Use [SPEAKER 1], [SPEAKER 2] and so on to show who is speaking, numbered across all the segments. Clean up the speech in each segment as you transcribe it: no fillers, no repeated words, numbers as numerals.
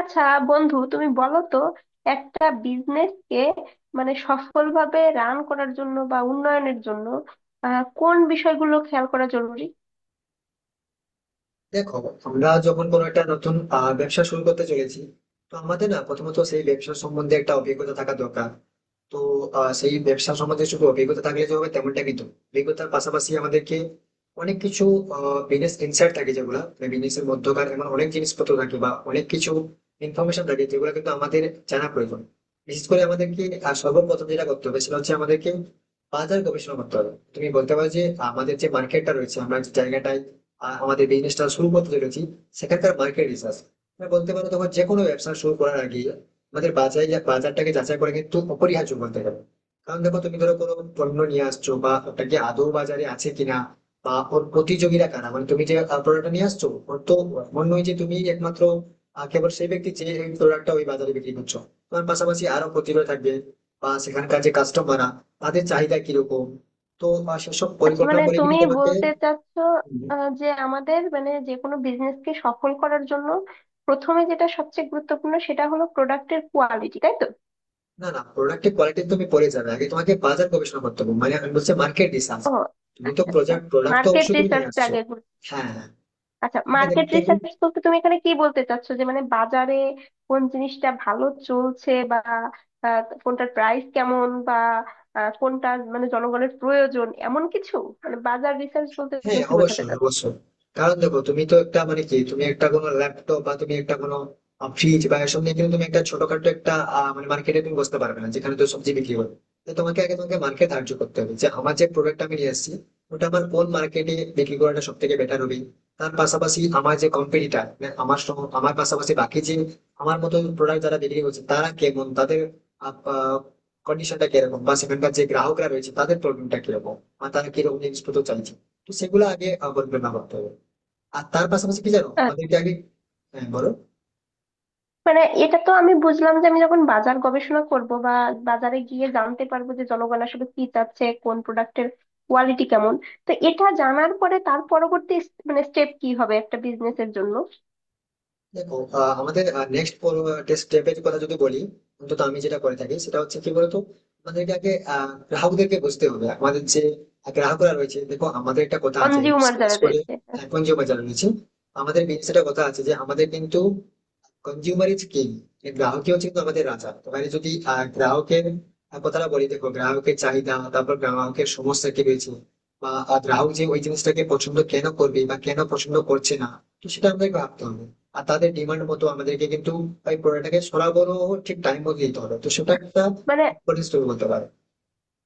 [SPEAKER 1] আচ্ছা, বন্ধু তুমি বলো তো, একটা বিজনেস কে মানে সফলভাবে রান করার জন্য বা উন্নয়নের জন্য কোন বিষয়গুলো খেয়াল করা জরুরি?
[SPEAKER 2] দেখো আমরা যখন কোনো একটা নতুন ব্যবসা শুরু করতে চলেছি। তো আমাদের না প্রথমত সেই ব্যবসা সম্বন্ধে একটা অভিজ্ঞতা থাকা দরকার। তো সেই ব্যবসা সম্বন্ধে শুধু অভিজ্ঞতা থাকলে যে হবে তেমনটা কিন্তু না। অভিজ্ঞতার পাশাপাশি আমাদেরকে অনেক কিছু বিজনেস ইনসাইট থাকে, যেগুলা বিজনেসের মধ্যকার এমন অনেক জিনিসপত্র থাকে বা অনেক কিছু ইনফরমেশন থাকে যেগুলো কিন্তু আমাদের জানা প্রয়োজন। বিশেষ করে আমাদেরকে সর্বপ্রথম যেটা করতে হবে সেটা হচ্ছে আমাদেরকে বাজার গবেষণা করতে হবে। তুমি বলতে পারো যে আমাদের যে মার্কেটটা রয়েছে, আমরা যে জায়গাটায় আমাদের বিজনেসটা শুরু করতে চলেছি, সেখানকার মার্কেট রিসার্চ, বলতে পারো তোমার যে কোনো ব্যবসা শুরু করার আগে আমাদের বাজার বাজারটাকে যাচাই করা কিন্তু অপরিহার্য বলতে গেলে। কারণ দেখো, তুমি ধরো কোনো পণ্য নিয়ে আসছো, বা ওটা কি আদৌ বাজারে আছে কিনা, বা ওর প্রতিযোগীরা কারা, মানে তুমি যে প্রোডাক্টটা নিয়ে আসছো ওর তো এমন নয় যে তুমি একমাত্র কেবল সেই ব্যক্তি যে প্রোডাক্টটা ওই বাজারে বিক্রি করছো। তোমার পাশাপাশি আরো প্রতিযোগী থাকবে, বা সেখানকার যে কাস্টমাররা তাদের চাহিদা কিরকম। তো সেসব
[SPEAKER 1] আচ্ছা,
[SPEAKER 2] পরিকল্পনা
[SPEAKER 1] মানে
[SPEAKER 2] করে কিন্তু
[SPEAKER 1] তুমি
[SPEAKER 2] তোমাকে।
[SPEAKER 1] বলতে চাচ্ছ যে আমাদের মানে যে কোনো বিজনেস কে সফল করার জন্য প্রথমে যেটা সবচেয়ে গুরুত্বপূর্ণ সেটা হলো প্রোডাক্টের কোয়ালিটি, তাই তো?
[SPEAKER 2] না না, প্রোডাক্টের কোয়ালিটি তুমি পরে যাবে, আগে তোমাকে বাজার গবেষণা করতে হবে, মানে আমি বলছি মার্কেট রিসার্চ।
[SPEAKER 1] ও,
[SPEAKER 2] তুমি তো
[SPEAKER 1] আচ্ছা আচ্ছা,
[SPEAKER 2] প্রোডাক্ট, প্রোডাক্ট তো
[SPEAKER 1] মার্কেট
[SPEAKER 2] অবশ্যই তুমি নিয়ে
[SPEAKER 1] রিসার্চটা
[SPEAKER 2] আসছো।
[SPEAKER 1] আগে।
[SPEAKER 2] হ্যাঁ হ্যাঁ,
[SPEAKER 1] আচ্ছা,
[SPEAKER 2] তোমাকে
[SPEAKER 1] মার্কেট
[SPEAKER 2] দেখতে হবে।
[SPEAKER 1] রিসার্চ বলতে তুমি এখানে কি বলতে চাচ্ছো? যে মানে বাজারে কোন জিনিসটা ভালো চলছে, বা কোনটার প্রাইস কেমন, বা কোনটা মানে জনগণের প্রয়োজন এমন কিছু? মানে বাজার রিসার্চ বলতে
[SPEAKER 2] হ্যাঁ
[SPEAKER 1] তুমি কি বোঝাতে
[SPEAKER 2] অবশ্যই
[SPEAKER 1] চাচ্ছো?
[SPEAKER 2] অবশ্যই, কারণ দেখো তুমি তো একটা, মানে কি, তুমি একটা কোনো ল্যাপটপ বা তুমি একটা কোনো ফ্রিজ বা এসব নিয়ে কিন্তু তুমি একটা ছোটখাটো একটা মানে মার্কেটে তুমি বসতে পারবে না যেখানে তো সবজি বিক্রি হবে। তো তোমাকে আগে তোমাকে মার্কেট ধার্য করতে হবে যে আমার যে প্রোডাক্ট আমি নিয়ে আসছি, ওটা আমার কোন মার্কেটে বিক্রি করাটা সব থেকে বেটার হবে। তার পাশাপাশি আমার যে কোম্পানিটা, আমার আমার পাশাপাশি বাকি যে আমার মতো প্রোডাক্ট যারা বিক্রি করছে তারা কেমন, তাদের কন্ডিশনটা কিরকম, বা সেখানকার যে গ্রাহকরা রয়েছে তাদের প্রবলেমটা কিরকম, আর তারা কিরকম জিনিসপত্র চাইছে। তো সেগুলো আগে পরিকল্পনা করতে হবে। আর তার পাশাপাশি কি জানো, আমাদেরকে
[SPEAKER 1] আচ্ছা,
[SPEAKER 2] আগে। হ্যাঁ বলো।
[SPEAKER 1] মানে এটা তো আমি বুঝলাম যে আমি যখন বাজার গবেষণা করব, বা বাজারে গিয়ে জানতে পারবো যে জনগণ আসলে কি চাচ্ছে, কোন প্রোডাক্টের কোয়ালিটি কেমন। তো এটা জানার পরে তার পরবর্তী মানে স্টেপ কি হবে একটা বিজনেসের জন্য?
[SPEAKER 2] দেখো আমাদের নেক্সট স্টেপের কথা যদি বলি, অন্তত আমি যেটা করে থাকি সেটা হচ্ছে কি বলতো, আমাদেরকে আগে গ্রাহকদেরকে বুঝতে হবে। আমাদের যে গ্রাহকরা রয়েছে, দেখো আমাদের একটা কথা আছে,
[SPEAKER 1] কনজিউমার
[SPEAKER 2] বিশেষ
[SPEAKER 1] যারা
[SPEAKER 2] করে
[SPEAKER 1] রয়েছে,
[SPEAKER 2] এখন যে বাজার রয়েছে, আমাদের বিশেষ একটা কথা আছে যে আমাদের কিন্তু কনজিউমার ইজ কিং, গ্রাহকই হচ্ছে কিন্তু আমাদের রাজা। তো মানে যদি গ্রাহকের কথাটা বলি, দেখো গ্রাহকের চাহিদা, তারপর গ্রাহকের সমস্যা কি রয়েছে, বা গ্রাহক যে ওই জিনিসটাকে পছন্দ কেন করবে বা কেন পছন্দ করছে না, তো সেটা আমাদেরকে ভাবতে হবে। আর তাদের ডিমান্ড মতো আমাদেরকে কিন্তু ওই প্রোডাক্টটাকে সরবরাহ ঠিক টাইম মতো দিতে হবে। তো সেটা একটা
[SPEAKER 1] মানে
[SPEAKER 2] ইম্পর্টেন্ট স্টোরি বলতে পারো।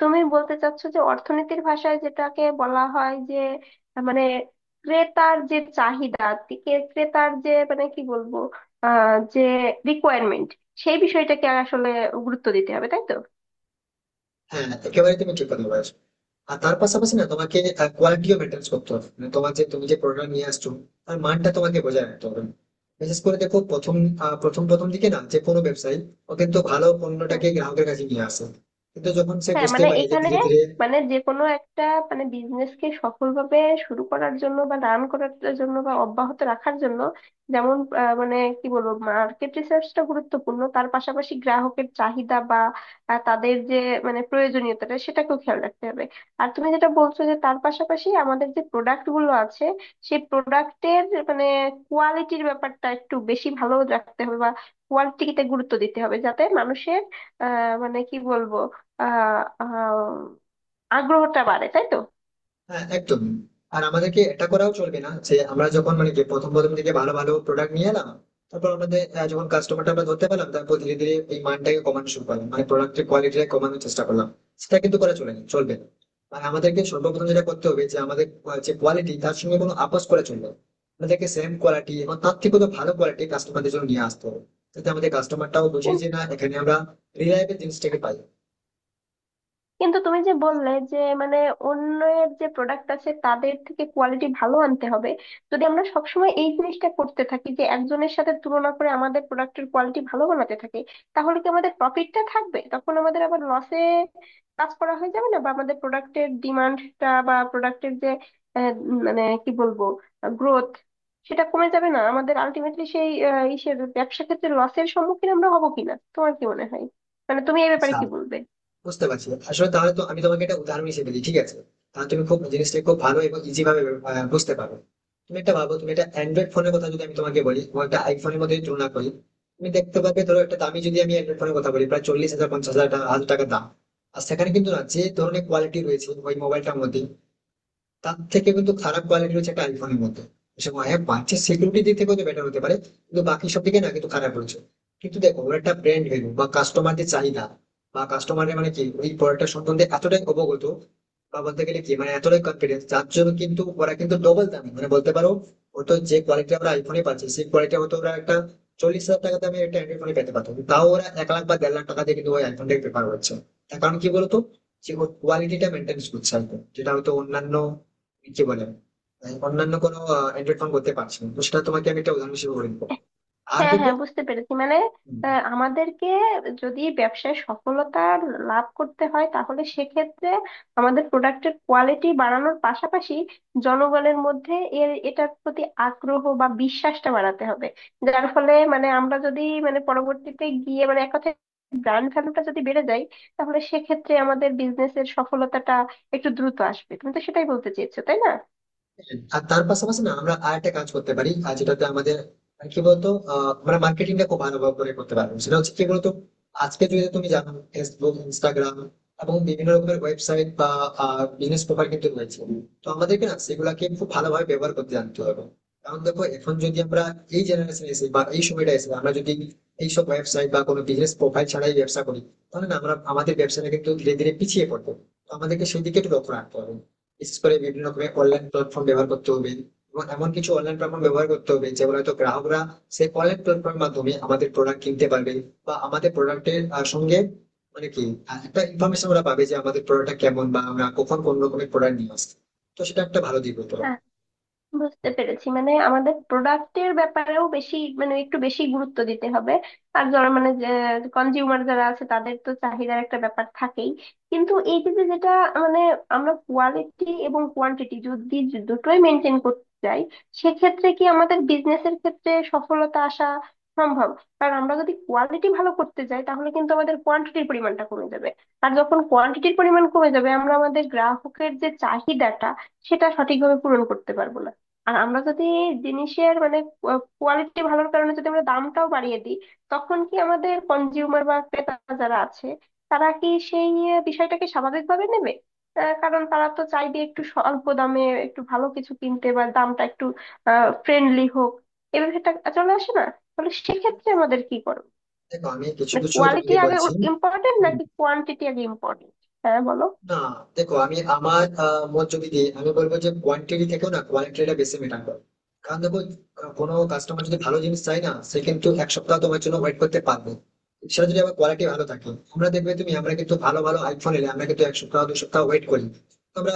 [SPEAKER 1] তুমি বলতে চাচ্ছ যে অর্থনীতির ভাষায় যেটাকে বলা হয় যে মানে ক্রেতার যে চাহিদা, ক্রেতার যে মানে কি বলবো, যে রিকোয়ারমেন্ট, সেই বিষয়টাকে আসলে গুরুত্ব দিতে হবে, তাই তো?
[SPEAKER 2] হ্যাঁ একেবারে তুমি ঠিক কথা বলেছো। আর তার পাশাপাশি না তোমাকে কোয়ালিটিও মেনটেন করতে হবে, মানে তোমার যে, তুমি যে প্রোডাক্ট নিয়ে আসছো তার মানটা তোমাকে বজায় রাখতে হবে। বিশেষ করে দেখো প্রথম প্রথম প্রথম দিকে না যে কোনো ব্যবসায়ী ও কিন্তু ভালো
[SPEAKER 1] হ্যাঁ,
[SPEAKER 2] পণ্যটাকে গ্রাহকের কাছে নিয়ে আসে, কিন্তু যখন সে
[SPEAKER 1] হ্যাঁ,
[SPEAKER 2] বুঝতে
[SPEAKER 1] মানে
[SPEAKER 2] পারে যে
[SPEAKER 1] এখানে
[SPEAKER 2] ধীরে ধীরে।
[SPEAKER 1] মানে যে কোনো একটা মানে বিজনেসকে সফলভাবে শুরু করার জন্য বা রান করার জন্য বা অব্যাহত রাখার জন্য যেমন মানে কি বলবো, মার্কেট রিসার্চটা গুরুত্বপূর্ণ, তার পাশাপাশি গ্রাহকের চাহিদা বা তাদের যে মানে প্রয়োজনীয়তাটা সেটাকেও খেয়াল রাখতে হবে। আর তুমি যেটা বলছো যে তার পাশাপাশি আমাদের যে প্রোডাক্ট গুলো আছে সেই প্রোডাক্টের মানে কোয়ালিটির ব্যাপারটা একটু বেশি ভালো রাখতে হবে, বা কোয়ালিটিতে গুরুত্ব দিতে হবে, যাতে মানুষের আহ মানে কি বলবো আহ আহ আগ্রহটা বাড়ে, তাই তো?
[SPEAKER 2] হ্যাঁ একদম। আর আমাদেরকে এটা করাও চলবে না যে আমরা যখন, মানে কি, প্রথম প্রথম থেকে ভালো ভালো প্রোডাক্ট নিয়ে এলাম, তারপর আমাদের যখন কাস্টমারটা আমরা ধরতে পারলাম, তারপর ধীরে ধীরে এই মানটাকে কমানো শুরু করলাম, মানে প্রোডাক্টের কোয়ালিটিটা কমানোর চেষ্টা করলাম। সেটা কিন্তু করা চলে না, চলবে না। আর আমাদেরকে সর্বপ্রথম যেটা করতে হবে যে আমাদের যে কোয়ালিটি, তার সঙ্গে কোনো আপোষ করা চলবে না। আমাদেরকে সেম কোয়ালিটি এবং তার থেকেও তো ভালো কোয়ালিটি কাস্টমারদের জন্য নিয়ে আসতে হবে যাতে আমাদের কাস্টমারটাও বুঝে যে
[SPEAKER 1] কিন্তু
[SPEAKER 2] না, এখানে আমরা রিলায়েবল জিনিসটাকে পাই।
[SPEAKER 1] কিন্তু তুমি যে বললে যে মানে অন্যের যে প্রোডাক্ট আছে তাদের থেকে কোয়ালিটি ভালো আনতে হবে, যদি আমরা সবসময় এই জিনিসটা করতে থাকি যে একজনের সাথে তুলনা করে আমাদের প্রোডাক্টের কোয়ালিটি ভালো বানাতে থাকি, তাহলে কি আমাদের প্রফিটটা থাকবে? তখন আমাদের আবার লসে কাজ করা হয়ে যাবে না? বা আমাদের প্রোডাক্টের ডিমান্ডটা, বা প্রোডাক্টের যে মানে কি বলবো গ্রোথ, সেটা কমে যাবে না? আমাদের আলটিমেটলি সেই ইসের ব্যবসা ক্ষেত্রে লসের সম্মুখীন আমরা হবো কিনা, তোমার কি মনে হয়? মানে তুমি এই ব্যাপারে
[SPEAKER 2] আচ্ছা,
[SPEAKER 1] কি বলবে?
[SPEAKER 2] বুঝতে পারছি। আসলে তাহলে তো আমি তোমাকে একটা উদাহরণ হিসেবে দিই, ঠিক আছে? তাহলে তুমি খুব জিনিসটা খুব ভালো এবং ইজি ভাবে বুঝতে পারবে। তুমি একটা ভাবো, তুমি একটা অ্যান্ড্রয়েড ফোনের কথা যদি আমি তোমাকে বলি এবং একটা আইফোনের মধ্যে যদি তুলনা করি, তুমি দেখতে পাবে ধরো একটা দামি, যদি আমি অ্যান্ড্রয়েড ফোনের কথা বলি প্রায় 40,000 50,000 হাজার টাকা দাম। আর সেখানে কিন্তু না যে ধরনের কোয়ালিটি রয়েছে ওই মোবাইলটার মধ্যে, তার থেকে কিন্তু খারাপ কোয়ালিটি হচ্ছে একটা আইফোনের মধ্যে। সে হ্যাঁ, বাচ্চার সিকিউরিটি দিক থেকে হয়তো বেটার হতে পারে, কিন্তু বাকি সব দিকে না কিন্তু খারাপ হচ্ছে। কিন্তু দেখো ওর একটা ব্র্যান্ড ভ্যালু, বা কাস্টমারদের চাহিদা, বা কাস্টমারের মানে কি ওই প্রোডাক্টটা সম্বন্ধে এতটাই অবগত, বা বলতে গেলে কি, মানে এতটাই কনফিডেন্স, যার জন্য কিন্তু ওরা কিন্তু ডবল দামে, মানে বলতে পারো হয়তো যে কোয়ালিটি আমরা আইফোনে পাচ্ছি, সেই কোয়ালিটি হয়তো ওরা একটা 40,000 টাকা দামে একটা অ্যান্ড্রয়েড ফোনে পেতে পারতো, কিন্তু তাও ওরা 1 লাখ বা 1.5 লাখ টাকা দিয়ে কিন্তু ওই আইফোনটাকে প্রেফার করছে। তার কারণ কি বলতো? যে ওর কোয়ালিটিটা মেনটেন করছে একদম। যেটা হয়তো অন্যান্য, কি বলে, মানে অন্যান্য কোনো অ্যান্ড্রয়েড ফোন করতে পারছি না। তো সেটা তোমাকে আমি একটা উদাহরণ হিসেবে বলে দিবো। আর
[SPEAKER 1] হ্যাঁ
[SPEAKER 2] দেখো।
[SPEAKER 1] হ্যাঁ, বুঝতে পেরেছি। মানে
[SPEAKER 2] হুম,
[SPEAKER 1] আমাদেরকে যদি ব্যবসায় সফলতা লাভ করতে হয়, তাহলে সেক্ষেত্রে আমাদের প্রোডাক্টের কোয়ালিটি বাড়ানোর পাশাপাশি জনগণের মধ্যে এটার প্রতি আগ্রহ বা বিশ্বাসটা বাড়াতে হবে, যার ফলে মানে আমরা যদি মানে পরবর্তীতে গিয়ে মানে এক কথায় ব্র্যান্ড ভ্যালুটা যদি বেড়ে যায়, তাহলে সেক্ষেত্রে আমাদের বিজনেসের সফলতাটা একটু দ্রুত আসবে। তুমি তো সেটাই বলতে চেয়েছো, তাই না?
[SPEAKER 2] আর তার পাশাপাশি না, আমরা আর একটা কাজ করতে পারি, আর যেটাতে আমাদের কি বলতো, আমরা মার্কেটিংটা খুব ভালোভাবে করে করতে পারবো, সেটা হচ্ছে কি বলতো, আজকে যদি তুমি জানো ফেসবুক, ইনস্টাগ্রাম এবং বিভিন্ন রকমের ওয়েবসাইট বা বিজনেস পেপার কিন্তু রয়েছে। তো আমাদেরকে না সেগুলাকে খুব ভালোভাবে ব্যবহার করতে জানতে হবে। কারণ দেখো, এখন যদি আমরা এই জেনারেশন এসে বা এই সময়টা এসে, আমরা যদি এইসব ওয়েবসাইট বা কোনো বিজনেস প্রোফাইল ছাড়াই ব্যবসা করি, তাহলে না আমরা আমাদের ব্যবসাটা কিন্তু ধীরে ধীরে পিছিয়ে পড়বো। তো আমাদেরকে সেই দিকে একটু লক্ষ্য রাখতে হবে, বিশেষ করে বিভিন্ন রকমের অনলাইন প্ল্যাটফর্ম ব্যবহার করতে হবে, এবং এমন কিছু অনলাইন প্ল্যাটফর্ম ব্যবহার করতে হবে যেগুলো হয়তো গ্রাহকরা সেই অনলাইন প্ল্যাটফর্মের মাধ্যমে আমাদের প্রোডাক্ট কিনতে পারবে, বা আমাদের প্রোডাক্টের সঙ্গে, মানে কি, একটা ইনফরমেশন ওরা পাবে যে আমাদের প্রোডাক্টটা কেমন, বা আমরা কখন কোন রকমের প্রোডাক্ট নিয়ে আসছি। তো সেটা একটা ভালো দিক হতে পারে।
[SPEAKER 1] বুঝতে পেরেছি। মানে আমাদের প্রোডাক্টের ব্যাপারেও বেশি মানে একটু বেশি গুরুত্ব দিতে হবে। আর যারা মানে কনজিউমার যারা আছে তাদের তো চাহিদার একটা ব্যাপার থাকেই, কিন্তু এই যে যে যেটা মানে আমরা কোয়ালিটি এবং কোয়ান্টিটি যদি দুটোই মেনটেন করতে চাই, সেক্ষেত্রে কি আমাদের বিজনেসের ক্ষেত্রে সফলতা আসা সম্ভব? কারণ আমরা যদি কোয়ালিটি ভালো করতে যাই তাহলে কিন্তু আমাদের কোয়ান্টিটির পরিমাণটা কমে যাবে, আর যখন কোয়ান্টিটির পরিমাণ কমে যাবে আমরা আমাদের গ্রাহকের যে চাহিদাটা সেটা সঠিকভাবে পূরণ করতে পারবো না। আর আমরা যদি জিনিসের মানে কোয়ালিটি ভালোর কারণে যদি আমরা দামটাও বাড়িয়ে দিই, তখন কি আমাদের কনজিউমার বা ক্রেতা যারা আছে তারা কি সেই বিষয়টাকে স্বাভাবিকভাবে নেবে? কারণ তারা তো চাইবে একটু স্বল্প দামে একটু ভালো কিছু কিনতে, বা দামটা একটু ফ্রেন্ডলি হোক, এ ব্যাপারটা চলে আসে না? তাহলে সেক্ষেত্রে আমাদের কি করবে?
[SPEAKER 2] দেখো আমি কিছু
[SPEAKER 1] মানে
[SPEAKER 2] কিছু
[SPEAKER 1] কোয়ালিটি
[SPEAKER 2] তোমাকে
[SPEAKER 1] আগে
[SPEAKER 2] বলছি।
[SPEAKER 1] ইম্পর্টেন্ট
[SPEAKER 2] হুম,
[SPEAKER 1] নাকি কোয়ান্টিটি আগে ইম্পর্টেন্ট? হ্যাঁ, বলো।
[SPEAKER 2] না, দেখো আমি আমার মত যদি দিই, আমি বলবো যে কোয়ান্টিটি থেকেও না কোয়ালিটিটা বেশি ম্যাটার করে। কারণ দেখো, কোনো কাস্টমার যদি ভালো জিনিস চাই না, সে কিন্তু এক সপ্তাহ তোমার জন্য ওয়েট করতে পারবে সেটা যদি আমার কোয়ালিটি ভালো থাকে। আমরা দেখবে তুমি, আমরা কিন্তু ভালো ভালো আইফোন এলে আমরা কিন্তু এক সপ্তাহ 2 সপ্তাহ ওয়েট করি। তো আমরা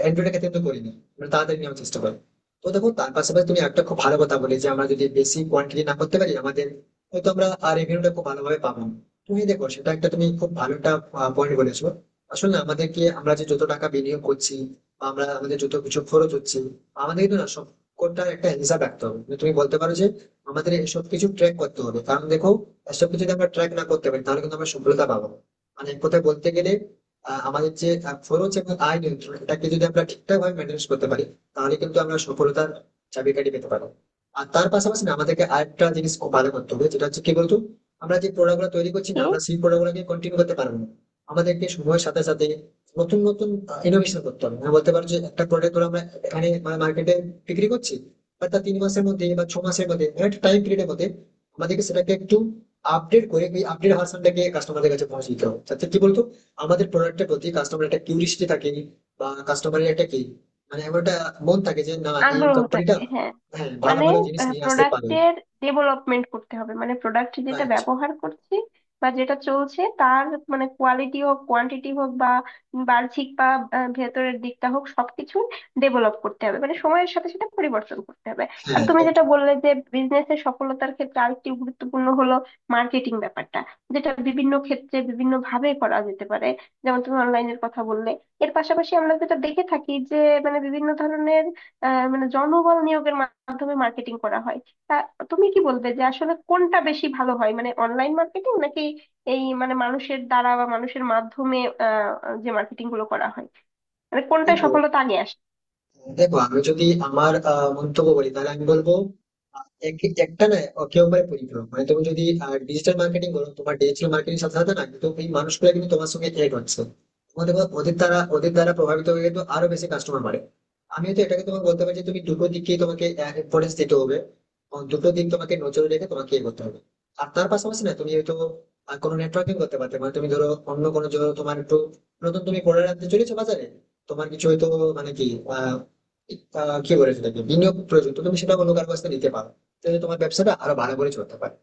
[SPEAKER 2] অ্যান্ড্রয়েডের ক্ষেত্রে কিন্তু করি না, আমরা তাড়াতাড়ি নেওয়ার চেষ্টা করি। তো দেখো তার পাশাপাশি তুমি একটা খুব ভালো কথা বলে যে আমরা যদি বেশি কোয়ান্টিটি না করতে পারি আমাদের, হয়তো আমরা রেভিনিউটা খুব ভালোভাবে পাবো না। তুমি দেখো সেটা একটা, তুমি খুব ভালো একটা পয়েন্ট বলেছো। আসলে আমাদেরকে আমরা যে যত টাকা বিনিয়োগ করছি বা আমরা আমাদের যত কিছু খরচ হচ্ছে, আমাদের কিন্তু না সবকটার একটা হিসাব রাখতে হবে, মানে তুমি বলতে পারো যে আমাদের এসব কিছু ট্র্যাক করতে হবে। কারণ দেখো, এসব কিছু যদি আমরা ট্র্যাক না করতে পারি তাহলে কিন্তু আমরা সফলতা পাবো না। মানে এক কথায় বলতে গেলে আমাদের যে খরচ এবং আয় নিয়ন্ত্রণ, এটাকে যদি আমরা ঠিকঠাক ভাবে মেনটেন করতে পারি, তাহলে কিন্তু আমরা সফলতার চাবিকাঠি পেতে পারবো। আর তার পাশাপাশি না আমাদেরকে আরেকটা জিনিস খুব ভালো করতে হবে, যেটা হচ্ছে কি বলতো, আমরা যে প্রোডাক্ট গুলো তৈরি করছি না,
[SPEAKER 1] কি?
[SPEAKER 2] আমরা সেই প্রোডাক্ট গুলোকে কন্টিনিউ করতে পারবো না। আমাদেরকে সময়ের সাথে সাথে নতুন নতুন ইনোভেশন করতে হবে। আমি বলতে পারো যে একটা প্রোডাক্ট আমরা এখানে, মানে মার্কেটে বিক্রি করছি, বাট তার তিন মাসের মধ্যে বা ছ মাসের মধ্যে, মানে একটা টাইম পিরিয়ডের মধ্যে আমাদেরকে সেটাকে একটু আপডেট করে ওই আপডেট ভার্সনটাকে কাস্টমারদের কাছে পৌঁছে দিতে হবে, যাতে কি বলতো, আমাদের প্রোডাক্টের প্রতি কাস্টমার একটা কিউরিয়াসিটি থাকে, বা কাস্টমারের একটা কি, মানে এমন একটা মন থাকে যে না, এই
[SPEAKER 1] আগ্রহ
[SPEAKER 2] কোম্পানিটা
[SPEAKER 1] থাকে, হ্যাঁ।
[SPEAKER 2] হ্যাঁ ভালো
[SPEAKER 1] মানে
[SPEAKER 2] ভালো জিনিস নিয়ে আসতে পারে।
[SPEAKER 1] প্রোডাক্টের ডেভেলপমেন্ট করতে হবে, মানে প্রোডাক্ট যেটা
[SPEAKER 2] রাইট।
[SPEAKER 1] ব্যবহার করছি বা যেটা চলছে তার মানে কোয়ালিটি হোক, কোয়ান্টিটি হোক, বা বাহ্যিক বা ভেতরের দিকটা হোক, সবকিছু ডেভেলপ করতে হবে, মানে সময়ের সাথে সাথে পরিবর্তন করতে হবে।
[SPEAKER 2] হ্যাঁ
[SPEAKER 1] আর তুমি
[SPEAKER 2] right.
[SPEAKER 1] যেটা বললে যে বিজনেসের সফলতার ক্ষেত্রে আরেকটি গুরুত্বপূর্ণ হলো মার্কেটিং ব্যাপারটা, যেটা বিভিন্ন ক্ষেত্রে বিভিন্ন ভাবে করা যেতে পারে, যেমন তুমি অনলাইনের কথা বললে। এর পাশাপাশি আমরা যেটা দেখে থাকি যে মানে বিভিন্ন ধরনের মানে জনবল নিয়োগের মাধ্যমে মার্কেটিং করা হয়। তা তুমি কি বলবে যে আসলে কোনটা বেশি ভালো হয়, মানে অনলাইন মার্কেটিং নাকি এই মানে মানুষের দ্বারা বা মানুষের মাধ্যমে আহ যে মার্কেটিং গুলো করা হয়, মানে কোনটায়
[SPEAKER 2] দেখো
[SPEAKER 1] সফলতা আগে আসে?
[SPEAKER 2] দেখো আমি যদি আমার মন্তব্য বলি, তাহলে আমি বলবো একটা না একেবারে পরিপূরক, মানে তুমি যদি ডিজিটাল মার্কেটিং করো তোমার ডিজিটাল মার্কেটিং সাথে সাথে না কিন্তু এই মানুষগুলো কিন্তু তোমার সঙ্গে এড হচ্ছে। তোমার দেখো ওদের দ্বারা প্রভাবিত হয়ে কিন্তু আরো বেশি কাস্টমার বাড়ে। আমি তো এটাকে তোমাকে বলতে পারি যে তুমি দুটো দিককেই তোমাকে ইম্পর্টেন্স দিতে হবে, এবং দুটো দিক তোমাকে নজরে রেখে তোমাকে এ করতে হবে। আর তার পাশাপাশি না তুমি হয়তো কোনো নেটওয়ার্কিং করতে পারতে, মানে তুমি ধরো অন্য কোনো, ধরো তোমার একটু নতুন তুমি প্রোডাক্ট আনতে চলেছো বাজারে, তোমার কিছু হয়তো, মানে কি, আহ আহ, কি বলে সেটাকে বিনিয়োগ প্রয়োজন, তো তুমি সেটা অন্য কারো কাছ থেকে নিতে পারো, তাহলে তোমার ব্যবসাটা আরো ভালো করে চলতে পারে।